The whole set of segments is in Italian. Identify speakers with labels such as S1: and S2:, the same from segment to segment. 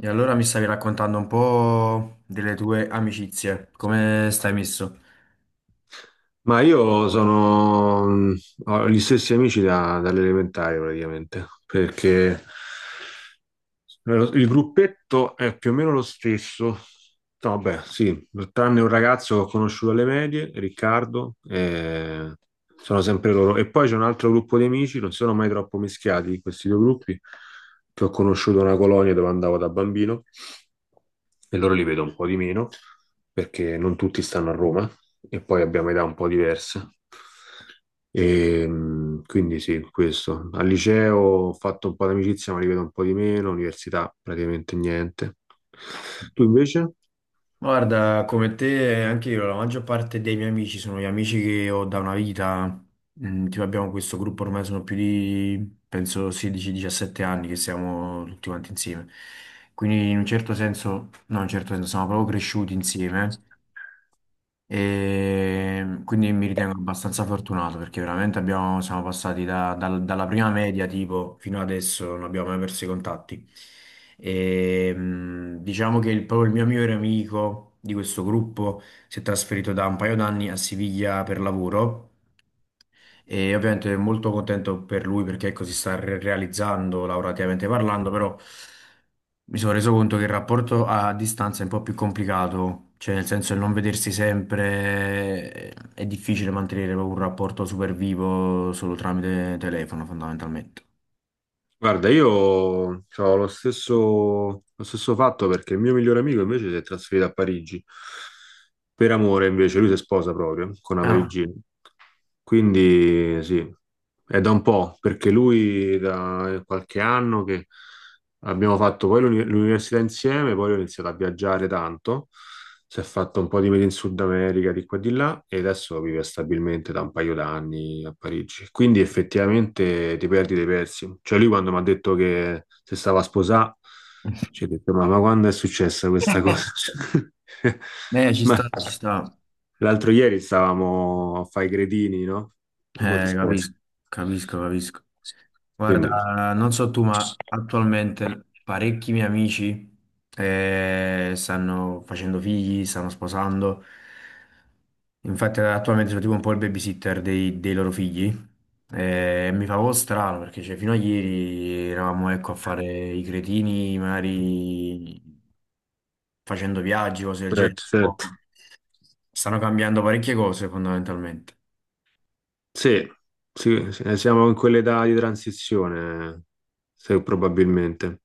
S1: E allora mi stavi raccontando un po' delle tue amicizie, come stai messo?
S2: Ma io sono, ho gli stessi amici dall'elementare praticamente, perché il gruppetto è più o meno lo stesso. No, vabbè, sì, tranne un ragazzo che ho conosciuto alle medie, Riccardo, sono sempre loro. E poi c'è un altro gruppo di amici, non sono mai troppo mischiati questi due gruppi, che ho conosciuto a una colonia dove andavo da bambino e loro li vedo un po' di meno perché non tutti stanno a Roma e poi abbiamo età un po' diverse. Quindi sì, questo. Al liceo ho fatto un po' di amicizia, ma li vedo un po' di meno, università praticamente niente. Tu invece?
S1: Guarda, come te, anche io, la maggior parte dei miei amici sono gli amici che ho da una vita. Mm, tipo abbiamo questo gruppo ormai sono più di, penso, 16-17 anni che siamo tutti quanti insieme. Quindi in un certo senso, no, in un certo senso, siamo proprio cresciuti insieme. E quindi mi ritengo abbastanza fortunato perché veramente siamo passati dalla prima media tipo fino adesso non abbiamo mai perso i contatti. E, diciamo che proprio il mio migliore amico di questo gruppo si è trasferito da un paio d'anni a Siviglia per lavoro e ovviamente molto contento per lui perché ecco, si sta realizzando lavorativamente parlando, però mi sono reso conto che il rapporto a distanza è un po' più complicato, cioè nel senso il non vedersi sempre è difficile mantenere proprio un rapporto super vivo solo tramite telefono fondamentalmente.
S2: Guarda, io ho lo stesso fatto perché il mio migliore amico invece si è trasferito a Parigi per amore, invece lui si sposa proprio con una
S1: Ah.
S2: parigina. Quindi sì, è da un po', perché lui da qualche anno che abbiamo fatto poi l'università insieme, poi ho iniziato a viaggiare tanto, si è fatto un po' di mete in Sud America, di qua e di là, e adesso vive stabilmente da un paio d'anni a Parigi. Quindi effettivamente ti perdi dei pezzi. Cioè lui quando mi ha detto che si stava a sposare, ci ho detto, ma quando è successa questa cosa?
S1: Ci
S2: Ma
S1: sta, ci sta.
S2: l'altro ieri stavamo a fare i gredini, no? In motorsport.
S1: Capisco, capisco, capisco.
S2: Quindi,
S1: Guarda, non so tu, ma attualmente parecchi miei amici stanno facendo figli, stanno sposando. Infatti, attualmente sono tipo un po' il babysitter dei loro figli. Mi fa un po' strano perché cioè, fino a ieri eravamo ecco, a fare i cretini, magari facendo viaggi, cose del genere.
S2: certo, certo.
S1: Stanno cambiando parecchie cose fondamentalmente.
S2: Sì, sì, siamo in quell'età di transizione, probabilmente.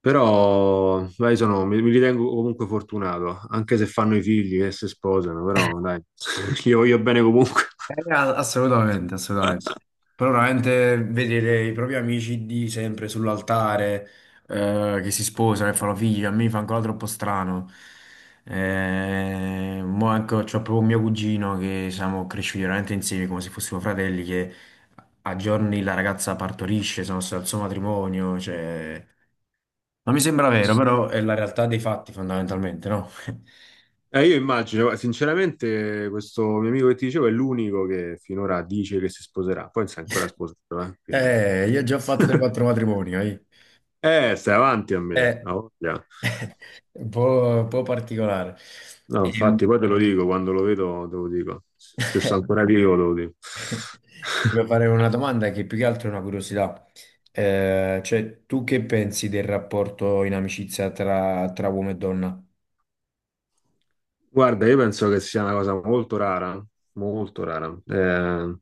S2: Però, dai, mi ritengo comunque fortunato, anche se fanno i figli e si sposano, però, dai, li voglio bene comunque.
S1: Assolutamente, assolutamente. Però veramente vedere i propri amici di sempre sull'altare, che si sposano e fanno figli, a me fa ancora troppo strano. Mo ecco, c'ho proprio mio cugino che siamo cresciuti veramente insieme come se fossimo fratelli, che a giorni la ragazza partorisce, sono stato al suo matrimonio, cioè... Non mi sembra vero, però è la realtà dei fatti fondamentalmente, no?
S2: Io immagino, guarda, sinceramente, questo mio amico che ti dicevo è l'unico che finora dice che si sposerà. Poi non si è ancora sposato, quindi...
S1: Io già ho fatto 3-4 matrimoni, eh.
S2: Stai avanti a me,
S1: Eh,
S2: ha voglia.
S1: Un po', un po' particolare.
S2: No,
S1: Ehm,
S2: infatti, poi te lo dico, quando lo vedo te lo dico. Se sto ancora vivo te lo dico.
S1: Volevo fare una domanda che più che altro è una curiosità. Cioè, tu che pensi del rapporto in amicizia tra, tra uomo e donna?
S2: Guarda, io penso che sia una cosa molto rara, molto rara,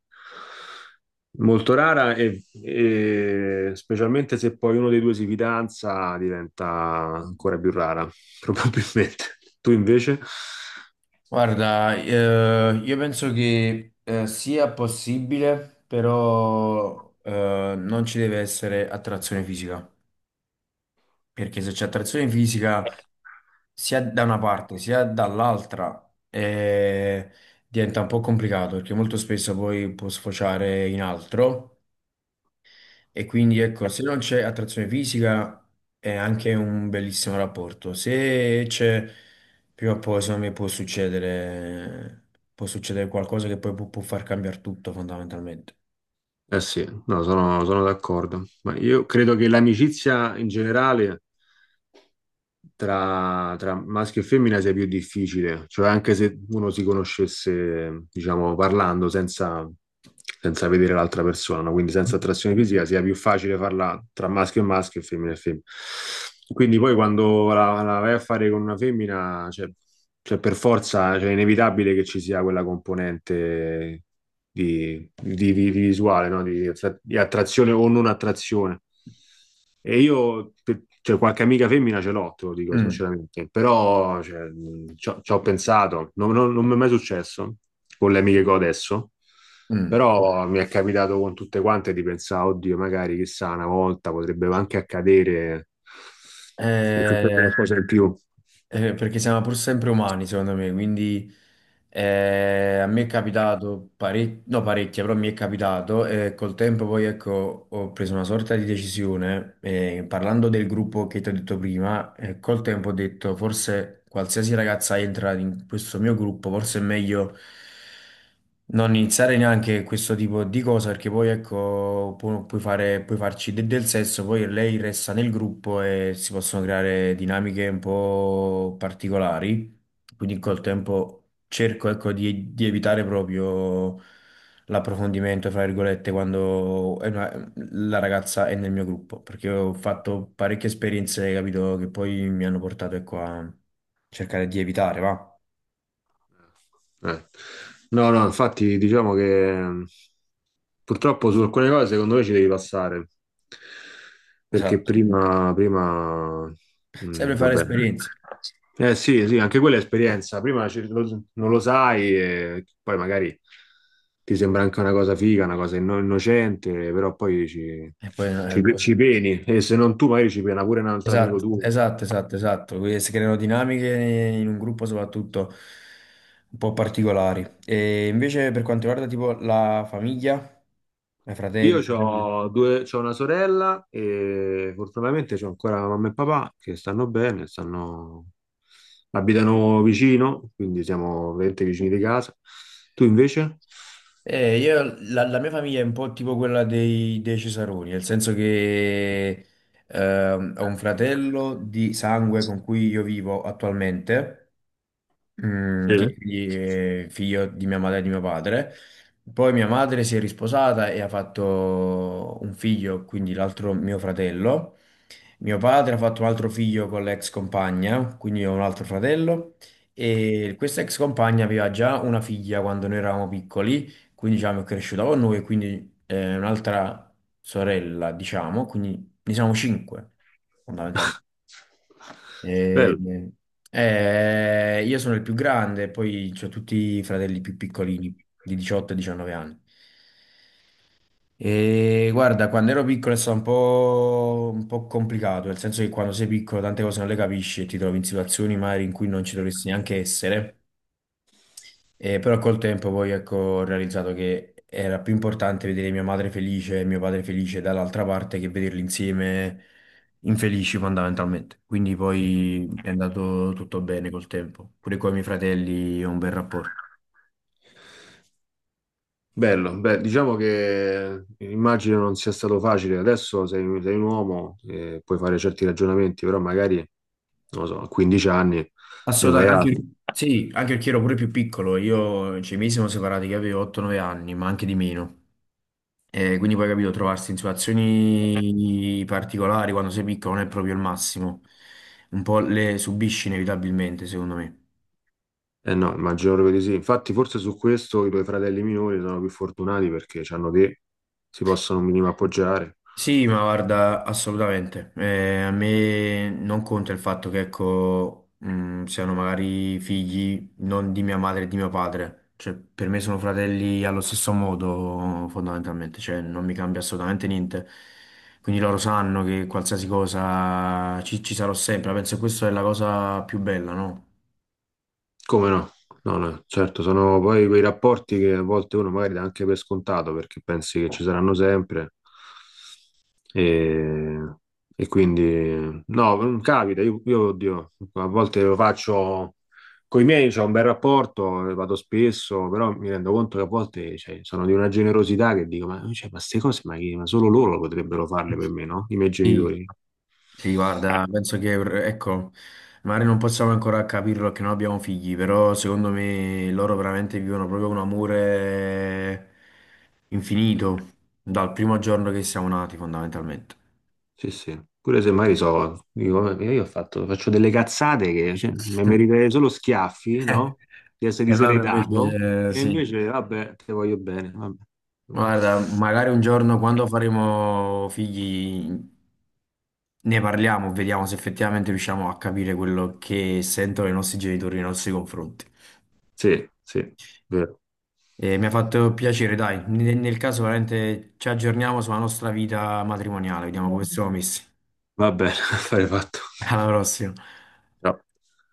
S2: molto rara e specialmente se poi uno dei due si fidanza diventa ancora più rara, probabilmente. Tu invece?
S1: Guarda, io penso che sia possibile, però non ci deve essere attrazione fisica, perché se c'è attrazione fisica sia da una parte sia dall'altra eh, diventa un po' complicato perché molto spesso poi può sfociare in altro e quindi ecco, se non c'è attrazione fisica è anche un bellissimo rapporto. Se c'è, prima o poi secondo me può succedere qualcosa che poi può, può far cambiare tutto fondamentalmente.
S2: Eh sì, no, sono d'accordo, ma io credo che l'amicizia in generale tra maschio e femmina sia più difficile, cioè anche se uno si conoscesse, diciamo, parlando senza, senza vedere l'altra persona, no? Quindi senza attrazione fisica, sia più facile farla tra maschio e maschio e femmina e femmina. Quindi poi quando la vai a fare con una femmina, cioè, cioè per forza, cioè è inevitabile che ci sia quella componente di visuale, no? Di, di attrazione o non attrazione. Cioè, qualche amica femmina ce l'ho, te lo dico
S1: Mm,
S2: sinceramente, però cioè, ci ho pensato, non mi è mai successo con le amiche che ho adesso,
S1: mm.
S2: però mi è capitato con tutte quante di pensare, oddio, magari chissà, una volta potrebbe anche accadere che succede
S1: Eh,
S2: qualcosa in più.
S1: perché siamo pur sempre umani, secondo me, quindi... a me è capitato parecchie, no parecchie, però mi è capitato e col tempo poi ecco ho preso una sorta di decisione, parlando del gruppo che ti ho detto prima, col tempo ho detto forse qualsiasi ragazza entra in questo mio gruppo, forse è meglio non iniziare neanche questo tipo di cosa perché poi ecco puoi fare, puoi farci del sesso, poi lei resta nel gruppo e si possono creare dinamiche un po' particolari, quindi col tempo cerco, ecco, di evitare proprio l'approfondimento, fra virgolette, quando la ragazza è nel mio gruppo, perché ho fatto parecchie esperienze, capito, che poi mi hanno portato, ecco, a cercare di evitare, va?
S2: Eh. Eh. No, no, infatti diciamo che purtroppo su alcune cose secondo me ci devi passare, perché
S1: Esatto.
S2: prima
S1: Sempre fare
S2: vabbè.
S1: esperienze.
S2: Eh sì, sì, anche quella è esperienza, prima non lo sai e poi magari ti sembra anche una cosa figa, una cosa innocente, però poi
S1: E poi,
S2: ci peni e se non tu magari ci pena pure un altro amico
S1: Esatto,
S2: tuo.
S1: esatto, esatto, esatto. Quindi si creano dinamiche in un gruppo soprattutto un po' particolari. E invece per quanto riguarda tipo la famiglia, i
S2: Io
S1: fratelli, sorelle.
S2: ho due, c'ho una sorella e fortunatamente c'ho ancora mamma e papà che stanno bene, abitano vicino, quindi siamo veramente vicini di casa. Tu invece?
S1: La mia famiglia è un po' tipo quella dei Cesaroni, nel senso che ho un fratello di sangue con cui io vivo attualmente, mm, che
S2: Sì.
S1: quindi è figlio di mia madre e di mio padre. Poi mia madre si è risposata e ha fatto un figlio, quindi l'altro mio fratello. Mio padre ha fatto un altro figlio con l'ex compagna, quindi ho un altro fratello, e questa ex compagna aveva già una figlia quando noi eravamo piccoli, quindi diciamo è cresciuta con noi, quindi un'altra sorella, diciamo, quindi ne siamo cinque, fondamentalmente. E-
S2: Bello.
S1: io sono il più grande, poi ho tutti i fratelli più piccolini, di 18 e 19 anni. E guarda, quando ero piccolo è stato un po' complicato, nel senso che quando sei piccolo tante cose non le capisci e ti trovi in situazioni magari in cui non ci dovresti neanche essere. Però col tempo poi ecco, ho realizzato che era più importante vedere mia madre felice e mio padre felice dall'altra parte che vederli insieme infelici fondamentalmente. Quindi poi è andato tutto bene col tempo, pure con i miei fratelli ho un bel rapporto.
S2: Bello, beh, diciamo che immagino non sia stato facile. Adesso sei un uomo e puoi fare certi ragionamenti, però magari, non lo so, a 15 anni ne fai
S1: Assolutamente, anche,
S2: altri.
S1: sì, anche perché ero pure più piccolo, io, cioè, i miei siamo separati che avevo 8-9 anni, ma anche di meno. E quindi poi capito, trovarsi in situazioni particolari quando sei piccolo non è proprio il massimo, un po' le subisci inevitabilmente, secondo me.
S2: Eh no, immagino proprio di sì. Infatti, forse su questo i tuoi fratelli minori sono più fortunati perché hanno te, si possono un minimo appoggiare.
S1: Sì, ma guarda, assolutamente. A me non conta il fatto che, ecco, siano magari figli non di mia madre e di mio padre. Cioè, per me sono fratelli allo stesso modo, fondamentalmente. Cioè, non mi cambia assolutamente niente. Quindi loro sanno che qualsiasi cosa ci sarò sempre. Penso che questa è la cosa più bella, no?
S2: Come no? No, no, certo, sono poi quei rapporti che a volte uno magari dà anche per scontato perché pensi che ci saranno sempre e, e quindi no, non capita, io, oddio, a volte lo faccio con i miei, c'ho un bel rapporto, vado spesso, però mi rendo conto che a volte cioè, sono di una generosità che dico, ma cioè, ma queste cose ma, ma solo loro potrebbero farle per me, no? I miei
S1: Sì,
S2: genitori.
S1: sì, guarda, penso che, ecco, magari non possiamo ancora capirlo che non abbiamo figli, però secondo me loro veramente vivono proprio un amore infinito dal primo giorno che siamo nati, fondamentalmente.
S2: Sì, sì. Pure se magari so, dico, io faccio delle cazzate che cioè, mi meriterei solo schiaffi, no? Di essere
S1: E loro invece,
S2: diseredato, e
S1: sì,
S2: invece, vabbè, te voglio bene. Vabbè.
S1: guarda, magari un giorno quando faremo figli ne parliamo, vediamo se effettivamente riusciamo a capire quello che sentono i nostri genitori nei nostri confronti.
S2: Sì, sì, vero.
S1: E mi ha fatto piacere, dai. Nel caso veramente ci aggiorniamo sulla nostra vita matrimoniale, vediamo come siamo messi.
S2: Va bene, affare fatto.
S1: Alla prossima.
S2: Ciao.